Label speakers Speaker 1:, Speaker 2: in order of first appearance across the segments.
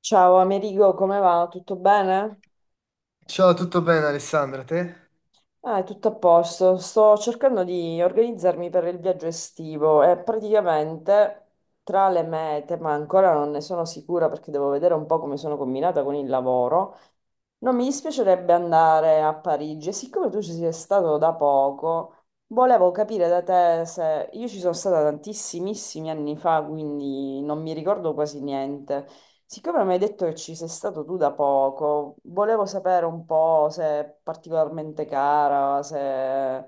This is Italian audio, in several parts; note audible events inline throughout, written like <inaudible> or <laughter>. Speaker 1: Ciao Amerigo, come va? Tutto bene?
Speaker 2: Ciao, tutto bene Alessandra, te?
Speaker 1: Ah, è tutto a posto. Sto cercando di organizzarmi per il viaggio estivo e praticamente tra le mete, ma ancora non ne sono sicura perché devo vedere un po' come sono combinata con il lavoro. Non mi dispiacerebbe andare a Parigi e siccome tu ci sei stato da poco, volevo capire da te se io ci sono stata tantissimissimi anni fa, quindi non mi ricordo quasi niente. Siccome mi hai detto che ci sei stato tu da poco, volevo sapere un po' se è particolarmente cara, se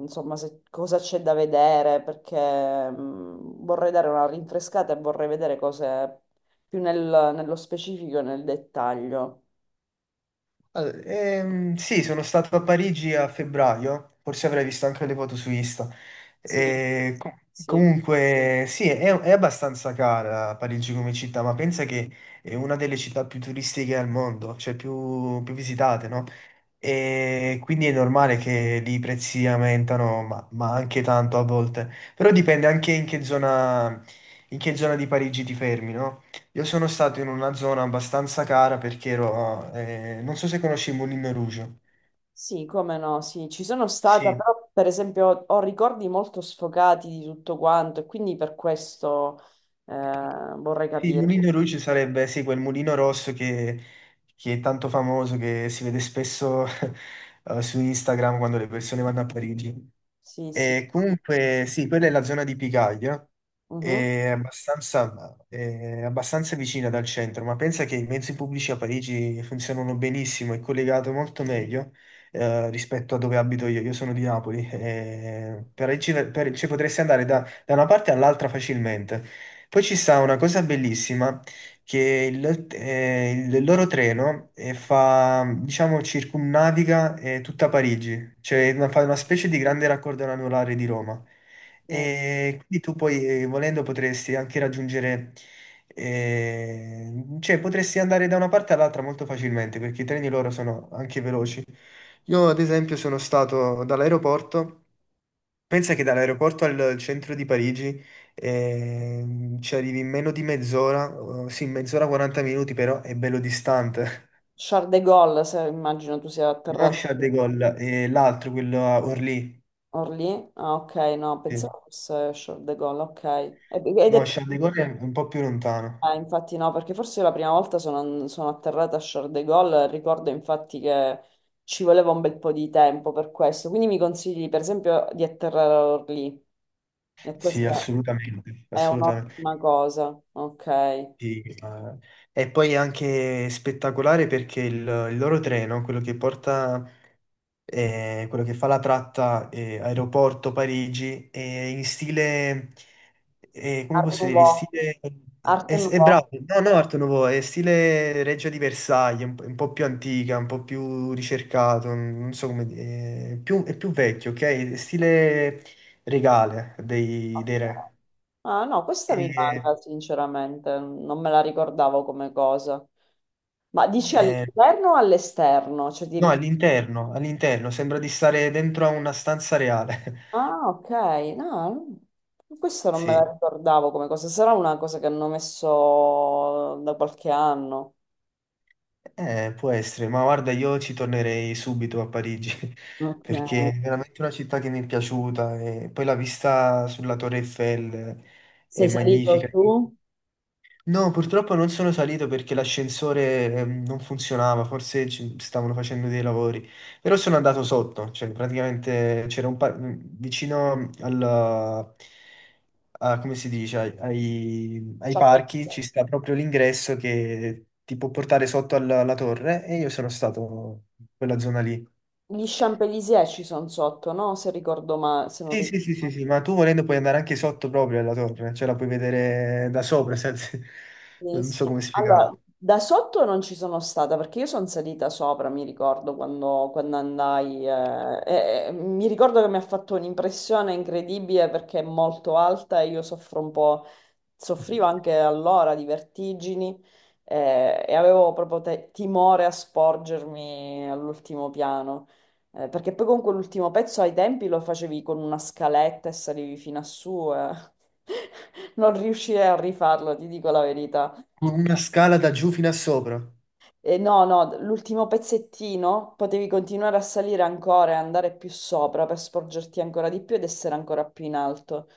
Speaker 1: insomma cosa c'è da vedere, perché vorrei dare una rinfrescata e vorrei vedere cose più nello specifico e nel dettaglio.
Speaker 2: Allora, sì, sono stato a Parigi a febbraio, forse avrai visto anche le foto su Insta.
Speaker 1: Sì,
Speaker 2: E co-
Speaker 1: sì,
Speaker 2: Comunque, sì, è abbastanza cara Parigi come città, ma pensa che è una delle città più turistiche al mondo, cioè più visitate, no? E quindi è normale che lì i prezzi aumentano, ma anche tanto a volte. Però dipende anche in che zona di Parigi ti fermi, no? Io sono stato in una zona abbastanza cara perché ero... non so se conosci Moulin Rouge.
Speaker 1: sì, come no, sì, ci sono stata,
Speaker 2: Sì.
Speaker 1: però per esempio ho ricordi molto sfocati di tutto quanto e quindi per questo vorrei
Speaker 2: Sì, il
Speaker 1: capire.
Speaker 2: Mulino Rouge sarebbe sì, quel mulino rosso che è tanto famoso, che si vede spesso <laughs> su Instagram quando le persone vanno a Parigi.
Speaker 1: Sì, sì.
Speaker 2: E comunque sì, quella è la zona di Picaglia,
Speaker 1: Mhm,
Speaker 2: è abbastanza vicina dal centro, ma pensa che i mezzi pubblici a Parigi funzionano benissimo, è collegato molto meglio rispetto a dove abito io. Io sono di Napoli, e ci potresti andare da una parte all'altra facilmente. Poi ci sta una cosa bellissima, che il loro treno fa, diciamo, circumnaviga tutta Parigi, cioè fa una specie di grande raccordo anulare di Roma.
Speaker 1: sì.
Speaker 2: E quindi tu poi, volendo, potresti anche raggiungere, eh, cioè potresti andare da una parte all'altra molto facilmente, perché i treni loro sono anche veloci. Io, ad esempio, sono stato dall'aeroporto. Pensa che dall'aeroporto al centro di Parigi ci arrivi in meno di mezz'ora, sì, mezz'ora 40 minuti, però è bello distante. <laughs>
Speaker 1: Charles de Gaulle, se immagino tu sia
Speaker 2: No,
Speaker 1: atterrato
Speaker 2: Charles
Speaker 1: a
Speaker 2: de Gaulle, e l'altro, quello a Orly.
Speaker 1: Orly. Ah, ok, no,
Speaker 2: Sì.
Speaker 1: pensavo fosse Charles de Gaulle, ok. Ed
Speaker 2: No,
Speaker 1: è,
Speaker 2: Charles de Gaulle è un po' più lontano.
Speaker 1: eh, infatti no, perché forse la prima volta sono atterrata a Charles de Gaulle, ricordo infatti che ci voleva un bel po' di tempo per questo, quindi mi consigli per esempio di atterrare a Orly e
Speaker 2: Sì,
Speaker 1: questa
Speaker 2: assolutamente,
Speaker 1: è
Speaker 2: assolutamente.
Speaker 1: un'ottima cosa, ok.
Speaker 2: Sì, e poi è anche spettacolare perché il loro treno, quello che porta quello che fa la tratta aeroporto Parigi, in stile, come
Speaker 1: Art
Speaker 2: posso dire, in
Speaker 1: Nouveau,
Speaker 2: stile...
Speaker 1: Art
Speaker 2: È, è
Speaker 1: Nouveau.
Speaker 2: bravo, no, no, Art Nouveau, è stile Regia di Versailles, un po' più antica, un po' più ricercato, non so come dire, è più vecchio, ok? È stile regale dei,
Speaker 1: Ok.
Speaker 2: dei re.
Speaker 1: Ah no, questa mi
Speaker 2: E-
Speaker 1: manca sinceramente, non me la ricordavo come cosa. Ma dici
Speaker 2: eh,
Speaker 1: all'interno o all'esterno? Cioè ti
Speaker 2: no,
Speaker 1: riferisci.
Speaker 2: all'interno, all'interno, sembra di stare dentro a una stanza reale. <laughs>
Speaker 1: Ah, ok, no, questo non me la
Speaker 2: Sì.
Speaker 1: ricordavo come cosa, sarà una cosa che hanno messo da qualche anno.
Speaker 2: Può essere, ma guarda, io ci tornerei subito a Parigi <laughs>
Speaker 1: Ok.
Speaker 2: perché è veramente una città che mi è piaciuta e poi la vista sulla Torre Eiffel è
Speaker 1: Sei salito
Speaker 2: magnifica.
Speaker 1: su?
Speaker 2: No, purtroppo non sono salito perché l'ascensore non funzionava, forse ci stavano facendo dei lavori, però sono andato sotto, cioè praticamente c'era un vicino al, come si dice, ai
Speaker 1: Champs-
Speaker 2: parchi ci sta proprio l'ingresso che ti può portare sotto alla torre e io sono stato in quella zona lì.
Speaker 1: Gli Champs-Élysées ci sono sotto, no? Se ricordo ma se non
Speaker 2: Sì,
Speaker 1: ricordo.
Speaker 2: sì, sì, sì, sì, ma tu volendo puoi andare anche sotto proprio alla torre, cioè la puoi vedere da sopra, senza... <laughs>
Speaker 1: Sì,
Speaker 2: non so
Speaker 1: sì.
Speaker 2: come
Speaker 1: Allora,
Speaker 2: spiegarlo.
Speaker 1: da sotto non ci sono stata perché io sono salita sopra, mi ricordo quando andai, e mi ricordo che mi ha fatto un'impressione incredibile perché è molto alta e io soffro un po', soffrivo anche allora di vertigini, e avevo proprio timore a sporgermi all'ultimo piano. Perché poi comunque l'ultimo pezzo ai tempi lo facevi con una scaletta e salivi fino a su, eh. <laughs> Non riuscirei a rifarlo, ti dico la verità.
Speaker 2: Con una scala da giù fino a sopra.
Speaker 1: E no, no, l'ultimo pezzettino potevi continuare a salire ancora e andare più sopra per sporgerti ancora di più ed essere ancora più in alto.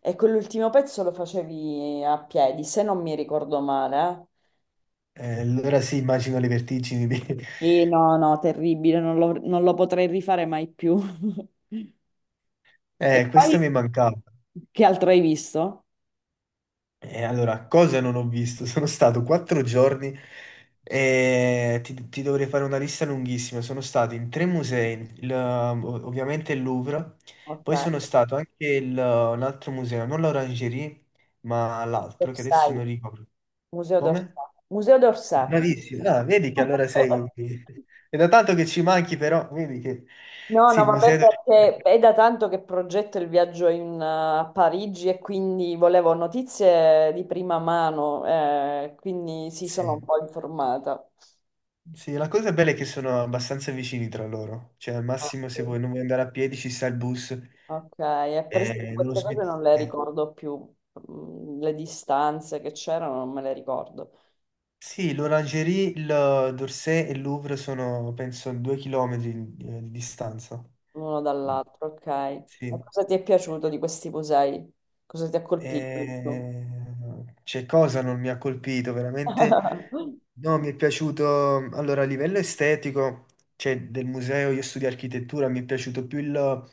Speaker 1: E quell'ultimo pezzo lo facevi a piedi, se non mi ricordo male, eh.
Speaker 2: Allora sì, immagino le vertigini. <laughs>
Speaker 1: Sì, no, no, terribile, non lo potrei rifare mai più. <laughs> E
Speaker 2: Questo
Speaker 1: poi,
Speaker 2: mi mancava.
Speaker 1: che altro hai visto?
Speaker 2: E allora, cosa non ho visto? <laughs> Sono stato 4 giorni ti dovrei fare una lista lunghissima. Sono stato in 3 musei, ovviamente il Louvre,
Speaker 1: Ok,
Speaker 2: poi sono stato anche un altro museo, non l'Orangerie, ma
Speaker 1: Museo
Speaker 2: l'altro che adesso non
Speaker 1: d'Orsay.
Speaker 2: ricordo.
Speaker 1: Museo
Speaker 2: Come?
Speaker 1: d'Orsay. Museo d'Orsay.
Speaker 2: Bravissimo. Ah, vedi che allora sei...
Speaker 1: <laughs>
Speaker 2: <laughs> È da tanto che ci manchi, però vedi che...
Speaker 1: No,
Speaker 2: Sì,
Speaker 1: no, vabbè, perché è da tanto che progetto il viaggio in, a Parigi e quindi volevo notizie di prima mano, quindi sì, sono un
Speaker 2: sì.
Speaker 1: po' informata.
Speaker 2: Sì, la cosa bella è che sono abbastanza vicini tra loro. Cioè, al
Speaker 1: Ah,
Speaker 2: massimo,
Speaker 1: sì.
Speaker 2: se vuoi non vuoi andare a piedi, ci sta il bus.
Speaker 1: Ok, e per esempio
Speaker 2: Non lo
Speaker 1: queste cose
Speaker 2: smetti.
Speaker 1: non le
Speaker 2: Eh.
Speaker 1: ricordo più. Mm, le distanze che c'erano non me le ricordo,
Speaker 2: Sì, l'Orangerie, il d'Orsay e il Louvre sono, penso, 2 chilometri di distanza.
Speaker 1: l'uno dall'altro, ok. E
Speaker 2: Sì.
Speaker 1: cosa ti è piaciuto di questi musei? Cosa ti ha colpito di più?
Speaker 2: E... C'è cosa non mi ha colpito, veramente.
Speaker 1: <laughs>
Speaker 2: No, mi è piaciuto, allora a livello estetico, cioè del museo, io studio architettura, mi è piaciuto più il,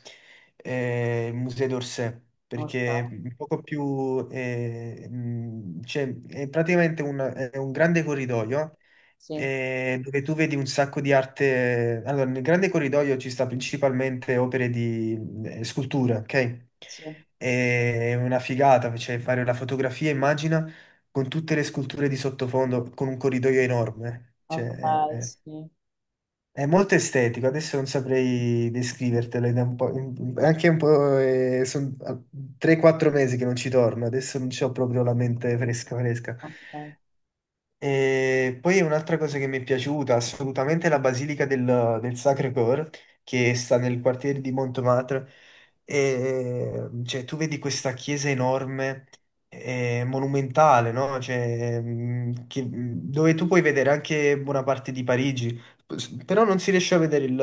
Speaker 2: eh, il museo d'Orsay,
Speaker 1: Ok,
Speaker 2: perché è un poco più, cioè, è praticamente è un grande corridoio
Speaker 1: sì,
Speaker 2: dove tu vedi un sacco di arte. Allora, nel grande corridoio ci sta principalmente opere di scultura, ok?
Speaker 1: sì,
Speaker 2: È una figata, cioè fare la fotografia, immagina, con tutte le sculture di sottofondo, con un corridoio enorme. Eh. Cioè,
Speaker 1: ok,
Speaker 2: è, è-
Speaker 1: sì,
Speaker 2: è molto estetico, adesso non saprei descrivertelo, ed è un po', anche un po', sono 3-4 mesi che non ci torno, adesso non c'ho proprio la mente fresca fresca.
Speaker 1: ok.
Speaker 2: E poi un'altra cosa che mi è piaciuta assolutamente è la Basilica del Sacré-Cœur, che sta nel quartiere di Montmartre. E, cioè, tu vedi questa chiesa enorme, monumentale, no? Cioè, dove tu puoi vedere anche buona parte di Parigi, però non si riesce a vedere il,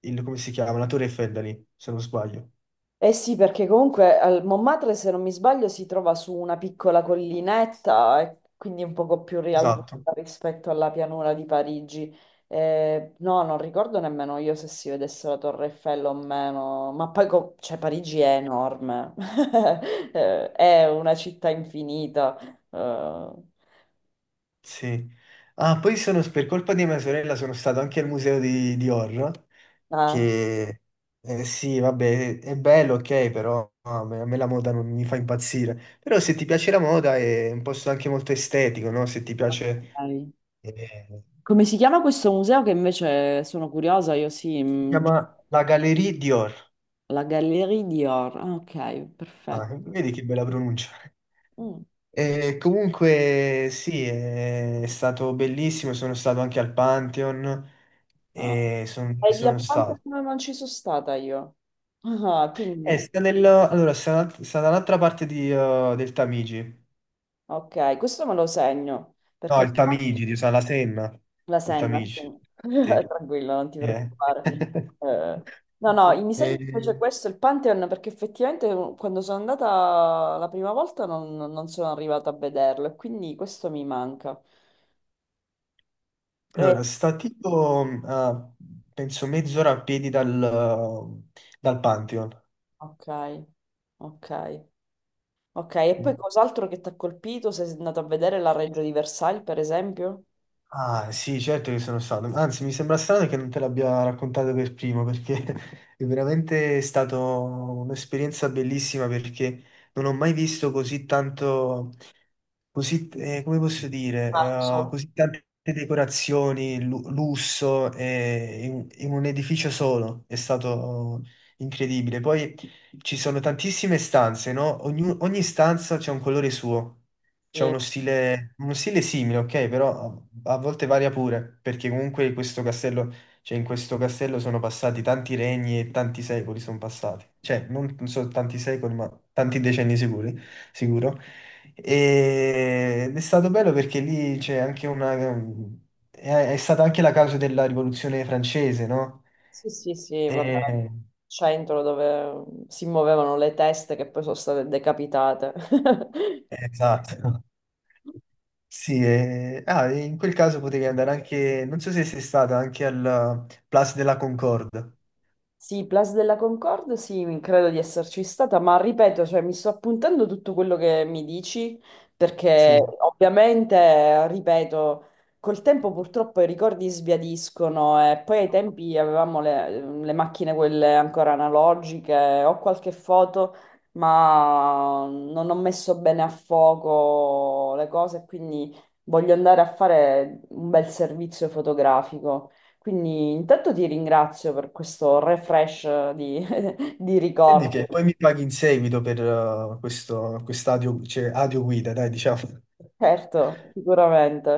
Speaker 2: il- come si chiama, la Torre Eiffel da lì, se non sbaglio.
Speaker 1: Eh sì, perché comunque al Montmartre, se non mi sbaglio, si trova su una piccola collinetta e quindi un poco più rialzata
Speaker 2: Esatto,
Speaker 1: rispetto alla pianura di Parigi. No, non ricordo nemmeno io se si vedesse la Torre Eiffel o meno, ma poi cioè, Parigi è enorme. <laughs> È una città infinita. Eh,
Speaker 2: sì. Ah, poi sono, per colpa di mia sorella sono stato anche al museo di Dior.
Speaker 1: ah,
Speaker 2: Che sì, vabbè, è bello, ok, però a me la moda non mi fa impazzire. Però se ti piace la moda è un posto anche molto estetico, no? Se ti piace...
Speaker 1: ok.
Speaker 2: eh,
Speaker 1: Come si chiama questo museo che invece sono curiosa, io sì,
Speaker 2: si chiama la Galerie Dior.
Speaker 1: la Gallerie Dior. Ah, ok,
Speaker 2: Ah,
Speaker 1: perfetto.
Speaker 2: vedi che bella pronuncia.
Speaker 1: Mm.
Speaker 2: Comunque sì, è stato bellissimo, sono stato anche al Pantheon
Speaker 1: Ah,
Speaker 2: e
Speaker 1: ai di
Speaker 2: sono
Speaker 1: Alcantara
Speaker 2: stato.
Speaker 1: non ci sono stata io. Ah, quindi,
Speaker 2: Allora, sta dall'altra parte del Tamigi.
Speaker 1: ok, questo me lo segno, perché
Speaker 2: No, il Tamigi di Usana Senna.
Speaker 1: la
Speaker 2: Il
Speaker 1: senna, sì.
Speaker 2: Tamigi. Sì.
Speaker 1: <laughs> Tranquillo, non ti
Speaker 2: Eh.
Speaker 1: preoccupare.
Speaker 2: <laughs>
Speaker 1: Eh, no, no, mi segno invece
Speaker 2: E-
Speaker 1: questo, il Pantheon, perché effettivamente quando sono andata la prima volta non sono arrivata a vederlo, e quindi questo mi manca. Eh,
Speaker 2: allora, sta tipo a, penso mezz'ora a piedi dal, dal Pantheon.
Speaker 1: ok, ok, ok, e poi cos'altro che ti ha colpito? Sei andato a vedere la Reggio di Versailles, per esempio?
Speaker 2: Ah, sì, certo che sono stato. Anzi, mi sembra strano che non te l'abbia raccontato per primo, perché <laughs> è veramente stata un'esperienza bellissima perché non ho mai visto così tanto così, come posso dire,
Speaker 1: Marzo.
Speaker 2: così tante decorazioni, lusso, in un edificio solo, è stato incredibile. Poi ci sono tantissime stanze, no? Ogni stanza c'è un colore suo, c'è
Speaker 1: Sì,
Speaker 2: uno stile simile, ok? Però a volte varia pure, perché comunque questo castello, cioè in questo castello sono passati tanti regni e tanti secoli sono passati. Cioè, non so tanti secoli, ma tanti decenni sicuri, sicuro. Ed è stato bello perché lì c'è anche una... È, è stata anche la causa della rivoluzione francese, no?
Speaker 1: sì, sì, sì, vabbè.
Speaker 2: E-
Speaker 1: Centro dove si muovevano le teste che poi sono state decapitate. <laughs>
Speaker 2: Esatto. Sì, e in quel caso potevi andare anche... Non so se sei stata anche al Place de la Concorde.
Speaker 1: Sì, Place della Concorde, sì, credo di esserci stata, ma ripeto, cioè, mi sto appuntando tutto quello che mi dici, perché
Speaker 2: Sì.
Speaker 1: ovviamente, ripeto, col tempo purtroppo i ricordi sbiadiscono e poi ai tempi avevamo le macchine quelle ancora analogiche, ho qualche foto, ma non ho messo bene a fuoco le cose, quindi voglio andare a fare un bel servizio fotografico. Quindi intanto ti ringrazio per questo refresh di, <laughs> di
Speaker 2: E di
Speaker 1: ricordi.
Speaker 2: che poi mi paghi in seguito per questo quest'adio, cioè, adio guida, dai, diciamo.
Speaker 1: Certo, sicuramente.